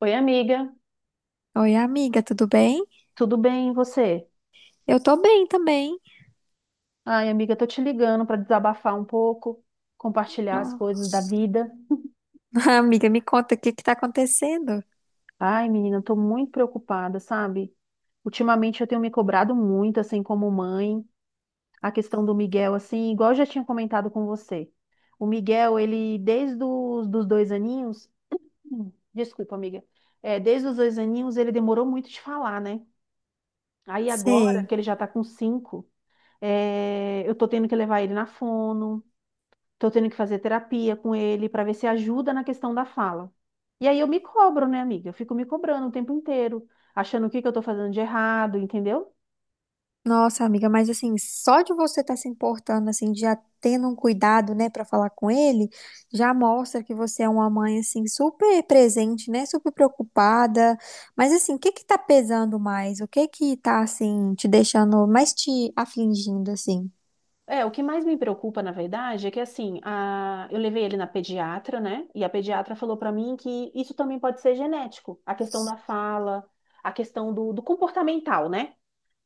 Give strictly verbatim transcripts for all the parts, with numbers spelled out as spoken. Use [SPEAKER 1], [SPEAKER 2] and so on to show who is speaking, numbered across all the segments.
[SPEAKER 1] Oi, amiga,
[SPEAKER 2] Oi, amiga, tudo bem?
[SPEAKER 1] tudo bem, e você?
[SPEAKER 2] Eu tô bem também.
[SPEAKER 1] Ai, amiga, tô te ligando para desabafar um pouco, compartilhar as
[SPEAKER 2] Nó-
[SPEAKER 1] coisas da vida.
[SPEAKER 2] Amiga, me conta o que que tá acontecendo?
[SPEAKER 1] Ai, menina, tô muito preocupada, sabe? Ultimamente eu tenho me cobrado muito, assim, como mãe, a questão do Miguel, assim, igual eu já tinha comentado com você. O Miguel, ele, desde os dos dois aninhos, Hum, desculpa, amiga, é, desde os dois aninhos ele demorou muito de falar, né? Aí agora
[SPEAKER 2] Sei.
[SPEAKER 1] que ele já tá com cinco, é, eu tô tendo que levar ele na fono. Tô tendo que fazer terapia com ele para ver se ajuda na questão da fala. E aí eu me cobro, né, amiga? Eu fico me cobrando o tempo inteiro, achando o que que eu tô fazendo de errado, entendeu?
[SPEAKER 2] Nossa, amiga, mas assim, só de você estar se importando, assim, de já tendo um cuidado, né, pra falar com ele, já mostra que você é uma mãe, assim, super presente, né, super preocupada. Mas assim, o que que tá pesando mais? O que que tá, assim, te deixando mais te afligindo, assim?
[SPEAKER 1] É, o que mais me preocupa, na verdade, é que assim, a... eu levei ele na pediatra, né? E a pediatra falou pra mim que isso também pode ser genético, a questão da fala, a questão do, do comportamental, né?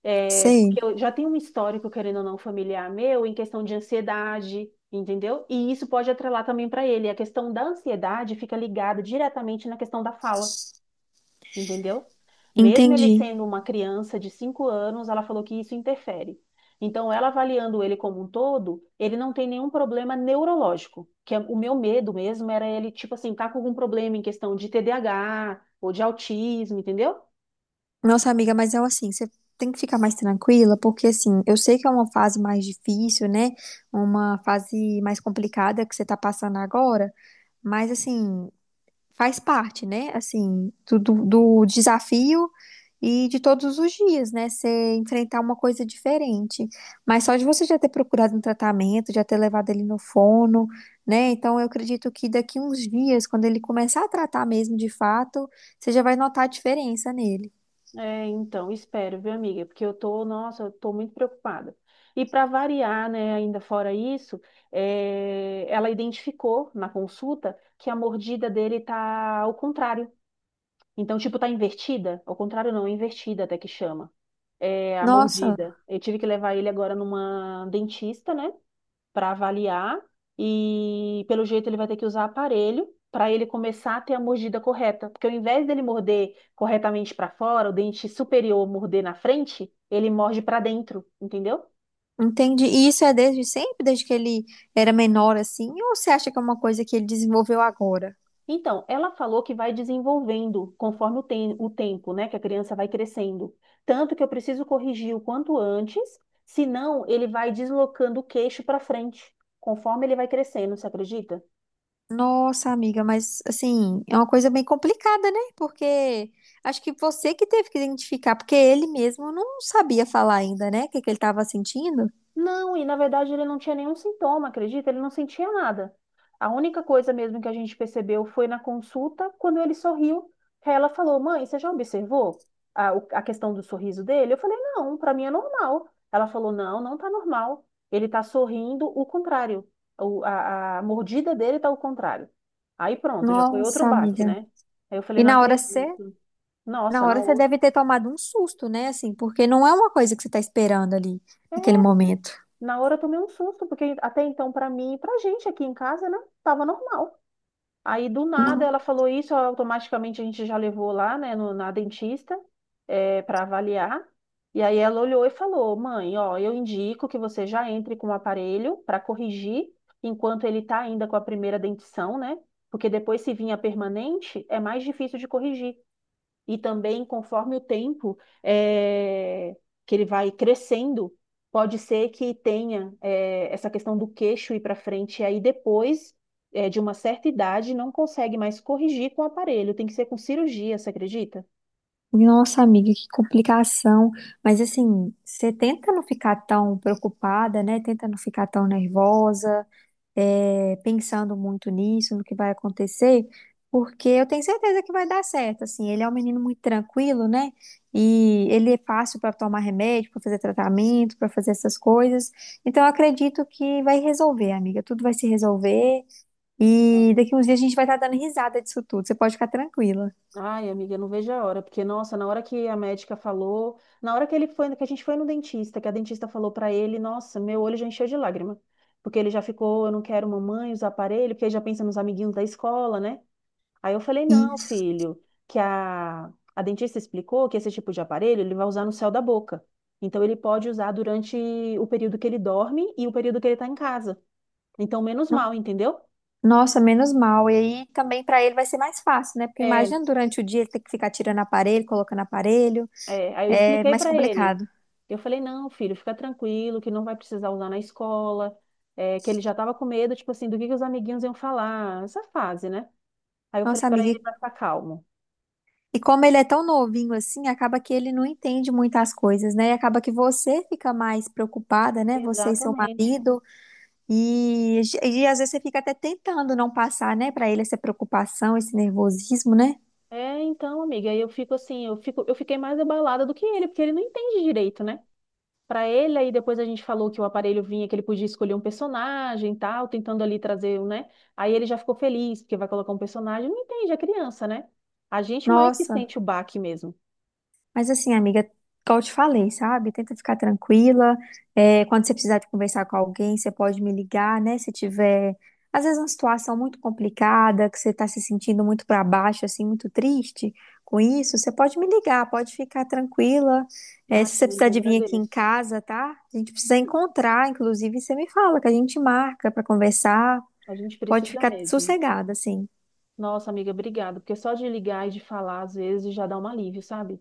[SPEAKER 1] É,
[SPEAKER 2] Sei.
[SPEAKER 1] porque eu já tenho um histórico, querendo ou não, familiar meu, em questão de ansiedade, entendeu? E isso pode atrelar também para ele. A questão da ansiedade fica ligada diretamente na questão da fala, entendeu? Mesmo ele
[SPEAKER 2] Entendi.
[SPEAKER 1] sendo uma criança de cinco anos, ela falou que isso interfere. Então, ela avaliando ele como um todo, ele não tem nenhum problema neurológico, que é- o meu medo mesmo era ele, tipo assim, tá com algum problema em questão de T D A H ou de autismo, entendeu?
[SPEAKER 2] Nossa, amiga, mas eu assim, você tem que ficar mais tranquila, porque assim, eu sei que é uma fase mais difícil, né? Uma fase mais complicada que você tá passando agora, mas assim, faz parte, né? Assim, do, do do desafio e de todos os dias, né? Você enfrentar uma coisa diferente. Mas só de você já ter procurado um tratamento, já ter levado ele no fono, né? Então eu acredito que daqui uns dias, quando ele começar a tratar mesmo de fato, você já vai notar a diferença nele.
[SPEAKER 1] É, então, espero, viu, amiga? Porque eu tô, nossa, eu tô muito preocupada. E para variar, né, ainda fora isso, é, ela identificou na consulta que a mordida dele tá ao contrário. Então, tipo, tá invertida? Ao contrário, não, é invertida até que chama. É a
[SPEAKER 2] Nossa,
[SPEAKER 1] mordida. Eu tive que levar ele agora numa dentista, né? Para avaliar, e pelo jeito ele vai ter que usar aparelho para ele começar a ter a mordida correta, porque ao invés dele morder corretamente para fora, o dente superior morder na frente, ele morde para dentro, entendeu?
[SPEAKER 2] entendi. E isso é desde sempre, desde que ele era menor assim, ou você acha que é uma coisa que ele desenvolveu agora?
[SPEAKER 1] Então, ela falou que vai desenvolvendo conforme o, tem- o tempo, né, que a criança vai crescendo. Tanto que eu preciso corrigir o quanto antes, senão ele vai deslocando o queixo para frente, conforme ele vai crescendo, você acredita?
[SPEAKER 2] Nossa, amiga, mas assim, é uma coisa bem complicada, né? Porque acho que você que teve que identificar, porque ele mesmo não sabia falar ainda, né? O que que ele estava sentindo?
[SPEAKER 1] Não, e na verdade ele não tinha nenhum sintoma, acredita? Ele não sentia nada. A única coisa mesmo que a gente percebeu foi na consulta, quando ele sorriu, que aí ela falou: Mãe, você já observou a, o- a questão do sorriso dele? Eu falei: Não, para mim é normal. Ela falou: Não, não tá normal. Ele tá sorrindo o contrário. O- a, a mordida dele tá o contrário. Aí pronto, já foi outro
[SPEAKER 2] Nossa,
[SPEAKER 1] baque,
[SPEAKER 2] amiga.
[SPEAKER 1] né? Aí eu falei:
[SPEAKER 2] E
[SPEAKER 1] Não
[SPEAKER 2] na hora você,
[SPEAKER 1] acredito.
[SPEAKER 2] na
[SPEAKER 1] Nossa, na
[SPEAKER 2] hora você
[SPEAKER 1] outra,
[SPEAKER 2] deve ter tomado um susto, né? Assim, porque não é uma coisa que você está esperando ali naquele momento.
[SPEAKER 1] na hora eu tomei um susto, porque até então, para mim e pra gente aqui em casa, né, tava normal. Aí do nada ela
[SPEAKER 2] Não.
[SPEAKER 1] falou isso, automaticamente a gente já levou lá, né, no, na dentista, para avaliar. E aí ela olhou e falou: "Mãe, ó, eu indico que você já entre com o aparelho para corrigir enquanto ele tá ainda com a primeira dentição, né? Porque depois se vinha permanente, é mais difícil de corrigir e também conforme o tempo, eh, que ele vai crescendo, pode ser que tenha, eh, essa questão do queixo ir para frente, e aí depois, eh, de uma certa idade não consegue mais corrigir com o aparelho, tem que ser com cirurgia, você acredita?
[SPEAKER 2] Nossa, amiga, que complicação. Mas assim, você tenta não ficar tão preocupada, né? Tenta não ficar tão nervosa, é, pensando muito nisso, no que vai acontecer, porque eu tenho certeza que vai dar certo. Assim, ele é um menino muito tranquilo, né? E ele é fácil para tomar remédio, para fazer tratamento, para fazer essas coisas. Então, eu acredito que vai resolver, amiga. Tudo vai se resolver. E daqui uns dias a gente vai estar dando risada disso tudo. Você pode ficar tranquila.
[SPEAKER 1] Ai, amiga, eu não vejo a hora, porque nossa, na hora que a médica falou, na hora que ele foi, que a gente foi no dentista, que a dentista falou para ele, nossa, meu olho já encheu de lágrima. Porque ele já ficou, eu não quero mamãe usar aparelho, porque ele já pensa nos amiguinhos da escola, né? Aí eu falei, não,
[SPEAKER 2] Isso.
[SPEAKER 1] filho, que a, a dentista explicou que esse tipo de aparelho ele vai usar no céu da boca. Então ele pode usar durante o período que ele dorme e o período que ele está em casa. Então, menos mal, entendeu?
[SPEAKER 2] Nossa, menos mal. E aí também para ele vai ser mais fácil, né? Porque
[SPEAKER 1] É,
[SPEAKER 2] imagina durante o dia ele ter que ficar tirando aparelho, colocando aparelho.
[SPEAKER 1] é. Aí eu
[SPEAKER 2] É
[SPEAKER 1] expliquei
[SPEAKER 2] mais
[SPEAKER 1] para ele.
[SPEAKER 2] complicado.
[SPEAKER 1] Eu falei, não, filho, fica tranquilo, que não vai precisar usar na escola, é, que ele já estava com medo, tipo assim, do que que os amiguinhos iam falar, essa fase, né? Aí eu falei
[SPEAKER 2] Nossa,
[SPEAKER 1] para
[SPEAKER 2] amiga.
[SPEAKER 1] ele
[SPEAKER 2] E
[SPEAKER 1] para ficar calmo.
[SPEAKER 2] e como ele é tão novinho assim, acaba que ele não entende muitas coisas, né? E acaba que você fica mais preocupada, né? Você e seu
[SPEAKER 1] Exatamente.
[SPEAKER 2] marido. E, e às vezes você fica até tentando não passar, né, para ele essa preocupação, esse nervosismo, né?
[SPEAKER 1] É, então, amiga, eu fico assim, eu fico, eu fiquei mais abalada do que ele, porque ele não entende direito, né? Pra ele, aí depois a gente falou que o aparelho vinha, que ele podia escolher um personagem e tal, tentando ali trazer, um, né? Aí ele já ficou feliz, porque vai colocar um personagem, não entende, é criança, né? A gente mais que
[SPEAKER 2] Nossa.
[SPEAKER 1] sente o baque mesmo.
[SPEAKER 2] Mas assim, amiga, como eu te falei, sabe? Tenta ficar tranquila. É, quando você precisar de conversar com alguém, você pode me ligar, né? Se tiver, às vezes, uma situação muito complicada, que você está se sentindo muito para baixo, assim, muito triste com isso, você pode me ligar, pode ficar tranquila. É,
[SPEAKER 1] Ah,
[SPEAKER 2] se você precisar
[SPEAKER 1] amiga,
[SPEAKER 2] de vir aqui em
[SPEAKER 1] agradeço.
[SPEAKER 2] casa, tá? A gente precisa encontrar, inclusive, você me fala que a gente marca para conversar.
[SPEAKER 1] A gente
[SPEAKER 2] Pode
[SPEAKER 1] precisa
[SPEAKER 2] ficar
[SPEAKER 1] mesmo.
[SPEAKER 2] sossegada, assim.
[SPEAKER 1] Nossa, amiga, obrigada, porque só de ligar e de falar, às vezes, já dá um alívio, sabe?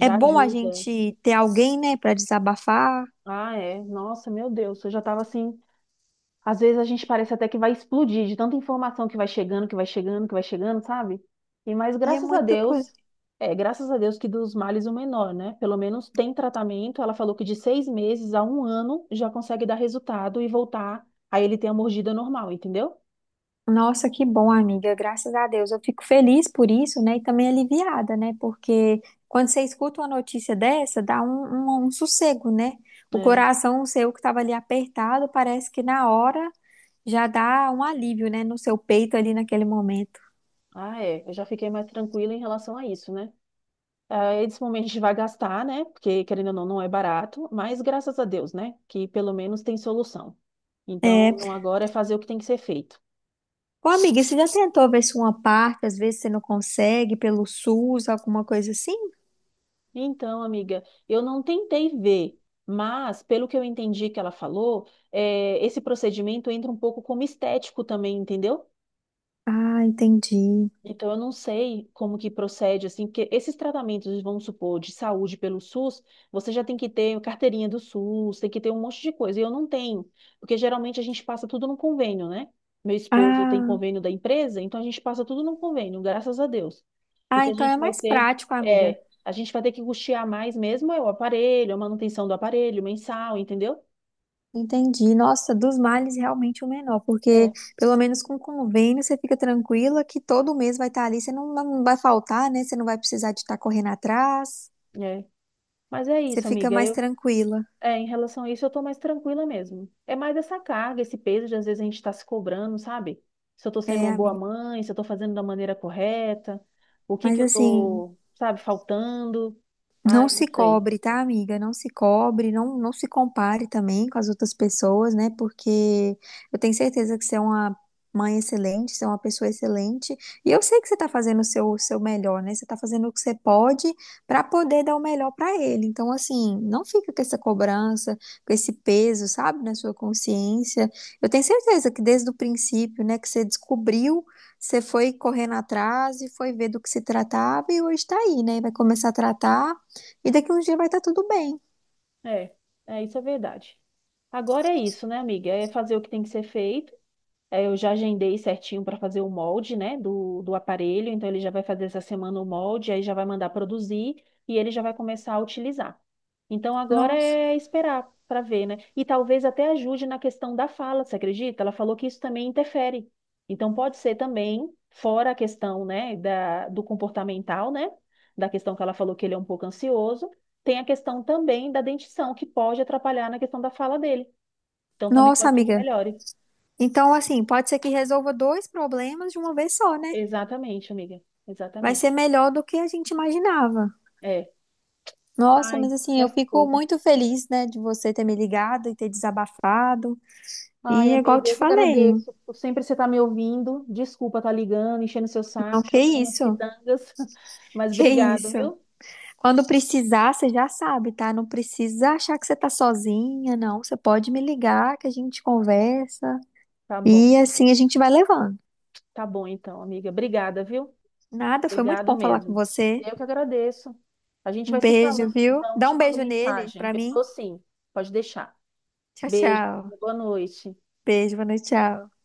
[SPEAKER 2] É bom a
[SPEAKER 1] ajuda.
[SPEAKER 2] gente ter alguém, né, para desabafar.
[SPEAKER 1] Ah, é. Nossa, meu Deus, eu já tava assim. Às vezes a gente parece até que vai explodir de tanta informação que vai chegando, que vai chegando, que vai chegando, sabe? E mas
[SPEAKER 2] E é
[SPEAKER 1] graças a
[SPEAKER 2] muita coisa.
[SPEAKER 1] Deus, é, graças a Deus que dos males o menor, né? Pelo menos tem tratamento. Ela falou que de seis meses a um ano já consegue dar resultado e voltar a ele ter a mordida normal, entendeu?
[SPEAKER 2] Nossa, que bom, amiga. Graças a Deus. Eu fico feliz por isso, né? E também aliviada, né? Porque quando você escuta uma notícia dessa, dá um, um, um sossego, né? O
[SPEAKER 1] É.
[SPEAKER 2] coração seu que estava ali apertado, parece que na hora já dá um alívio, né? No seu peito ali naquele momento.
[SPEAKER 1] Ah, é. Eu já fiquei mais tranquila em relação a isso, né? Ah, esse momento a gente vai gastar, né? Porque, querendo ou não, não é barato, mas graças a Deus, né? Que pelo menos tem solução.
[SPEAKER 2] É.
[SPEAKER 1] Então, agora é fazer o que tem que ser feito.
[SPEAKER 2] Ô, amiga, você já tentou ver se uma parte, às vezes você não consegue, pelo SUS, alguma coisa assim?
[SPEAKER 1] Então, amiga, eu não tentei ver, mas pelo que eu entendi que ela falou, eh, esse procedimento entra um pouco como estético também, entendeu?
[SPEAKER 2] Ah, entendi.
[SPEAKER 1] Então, eu não sei como que procede, assim, porque esses tratamentos, vamos supor, de saúde pelo SUS, você já tem que ter carteirinha do SUS, tem que ter um monte de coisa. E eu não tenho, porque geralmente a gente passa tudo num convênio, né? Meu esposo tem
[SPEAKER 2] Ah,
[SPEAKER 1] convênio da empresa, então a gente passa tudo num convênio, graças a Deus. O
[SPEAKER 2] ah,
[SPEAKER 1] que a
[SPEAKER 2] então é
[SPEAKER 1] gente vai
[SPEAKER 2] mais
[SPEAKER 1] ter
[SPEAKER 2] prático, amiga.
[SPEAKER 1] é, a gente vai ter que custear mais mesmo é o aparelho, a manutenção do aparelho, mensal, entendeu?
[SPEAKER 2] Entendi. Nossa, dos males realmente o menor,
[SPEAKER 1] É,
[SPEAKER 2] porque pelo menos com convênio você fica tranquila que todo mês vai estar ali, você não, não vai faltar, né? Você não vai precisar de estar correndo atrás,
[SPEAKER 1] é. Mas é
[SPEAKER 2] você
[SPEAKER 1] isso,
[SPEAKER 2] fica
[SPEAKER 1] amiga.
[SPEAKER 2] mais tranquila.
[SPEAKER 1] É, em relação a isso, eu tô mais tranquila mesmo. É mais essa carga, esse peso de às vezes a gente tá se cobrando, sabe? Se eu tô sendo
[SPEAKER 2] É,
[SPEAKER 1] uma boa
[SPEAKER 2] amiga.
[SPEAKER 1] mãe, se eu tô fazendo da maneira correta, o que
[SPEAKER 2] Mas
[SPEAKER 1] que eu
[SPEAKER 2] assim,
[SPEAKER 1] tô, sabe, faltando.
[SPEAKER 2] não
[SPEAKER 1] Ai, não
[SPEAKER 2] se
[SPEAKER 1] sei.
[SPEAKER 2] cobre, tá, amiga? Não se cobre, não, não se compare também com as outras pessoas, né? Porque eu tenho certeza que você é uma mãe excelente, você é uma pessoa excelente, e eu sei que você tá fazendo o seu, o seu melhor, né? Você tá fazendo o que você pode pra poder dar o melhor pra ele. Então, assim, não fica com essa cobrança, com esse peso, sabe, na sua consciência. Eu tenho certeza que desde o princípio, né, que você descobriu você foi correndo atrás e foi ver do que se tratava e hoje tá aí, né? Vai começar a tratar e daqui uns dias vai estar tudo bem.
[SPEAKER 1] É, é, isso é verdade. Agora é isso, né, amiga? É fazer o que tem que ser feito. Eh, Eu já agendei certinho para fazer o molde, né, do, do aparelho. Então, ele já vai fazer essa semana o molde, aí já vai mandar produzir e ele já vai começar a utilizar. Então, agora
[SPEAKER 2] Nossa.
[SPEAKER 1] é esperar para ver, né? E talvez até ajude na questão da fala, você acredita? Ela falou que isso também interfere. Então, pode ser também, fora a questão, né, da, do comportamental, né, da questão que ela falou que ele é um pouco ansioso, tem a questão também da dentição, que pode atrapalhar na questão da fala dele. Então, também
[SPEAKER 2] Nossa,
[SPEAKER 1] pode ser que
[SPEAKER 2] amiga.
[SPEAKER 1] melhore.
[SPEAKER 2] Então, assim, pode ser que resolva dois problemas de uma vez só, né?
[SPEAKER 1] Exatamente, amiga.
[SPEAKER 2] Vai ser
[SPEAKER 1] Exatamente.
[SPEAKER 2] melhor do que a gente imaginava.
[SPEAKER 1] É.
[SPEAKER 2] Nossa,
[SPEAKER 1] Ai,
[SPEAKER 2] mas assim,
[SPEAKER 1] é
[SPEAKER 2] eu fico
[SPEAKER 1] fogo.
[SPEAKER 2] muito feliz, né, de você ter me ligado e ter desabafado.
[SPEAKER 1] Ai,
[SPEAKER 2] E é igual eu
[SPEAKER 1] amiga,
[SPEAKER 2] te
[SPEAKER 1] eu que
[SPEAKER 2] falei,
[SPEAKER 1] agradeço por sempre você estar me ouvindo. Desculpa estar ligando, enchendo seu
[SPEAKER 2] não,
[SPEAKER 1] saco,
[SPEAKER 2] que
[SPEAKER 1] chorando as
[SPEAKER 2] isso,
[SPEAKER 1] pitangas. Mas
[SPEAKER 2] que
[SPEAKER 1] obrigado,
[SPEAKER 2] isso.
[SPEAKER 1] viu?
[SPEAKER 2] Quando precisar, você já sabe, tá? Não precisa achar que você tá sozinha, não. Você pode me ligar que a gente conversa.
[SPEAKER 1] Tá bom.
[SPEAKER 2] E assim a gente vai levando.
[SPEAKER 1] Tá bom, então, amiga. Obrigada, viu?
[SPEAKER 2] Nada, foi muito
[SPEAKER 1] Obrigado
[SPEAKER 2] bom falar com
[SPEAKER 1] mesmo.
[SPEAKER 2] você.
[SPEAKER 1] Eu que agradeço. A gente
[SPEAKER 2] Um
[SPEAKER 1] vai se
[SPEAKER 2] beijo,
[SPEAKER 1] falando,
[SPEAKER 2] viu?
[SPEAKER 1] então.
[SPEAKER 2] Dá
[SPEAKER 1] Te
[SPEAKER 2] um
[SPEAKER 1] mando
[SPEAKER 2] beijo nele
[SPEAKER 1] mensagem.
[SPEAKER 2] pra
[SPEAKER 1] Eu
[SPEAKER 2] mim.
[SPEAKER 1] tô sim. Pode deixar.
[SPEAKER 2] Tchau,
[SPEAKER 1] Beijo,
[SPEAKER 2] tchau.
[SPEAKER 1] amiga. Boa noite.
[SPEAKER 2] Beijo, boa noite, tchau.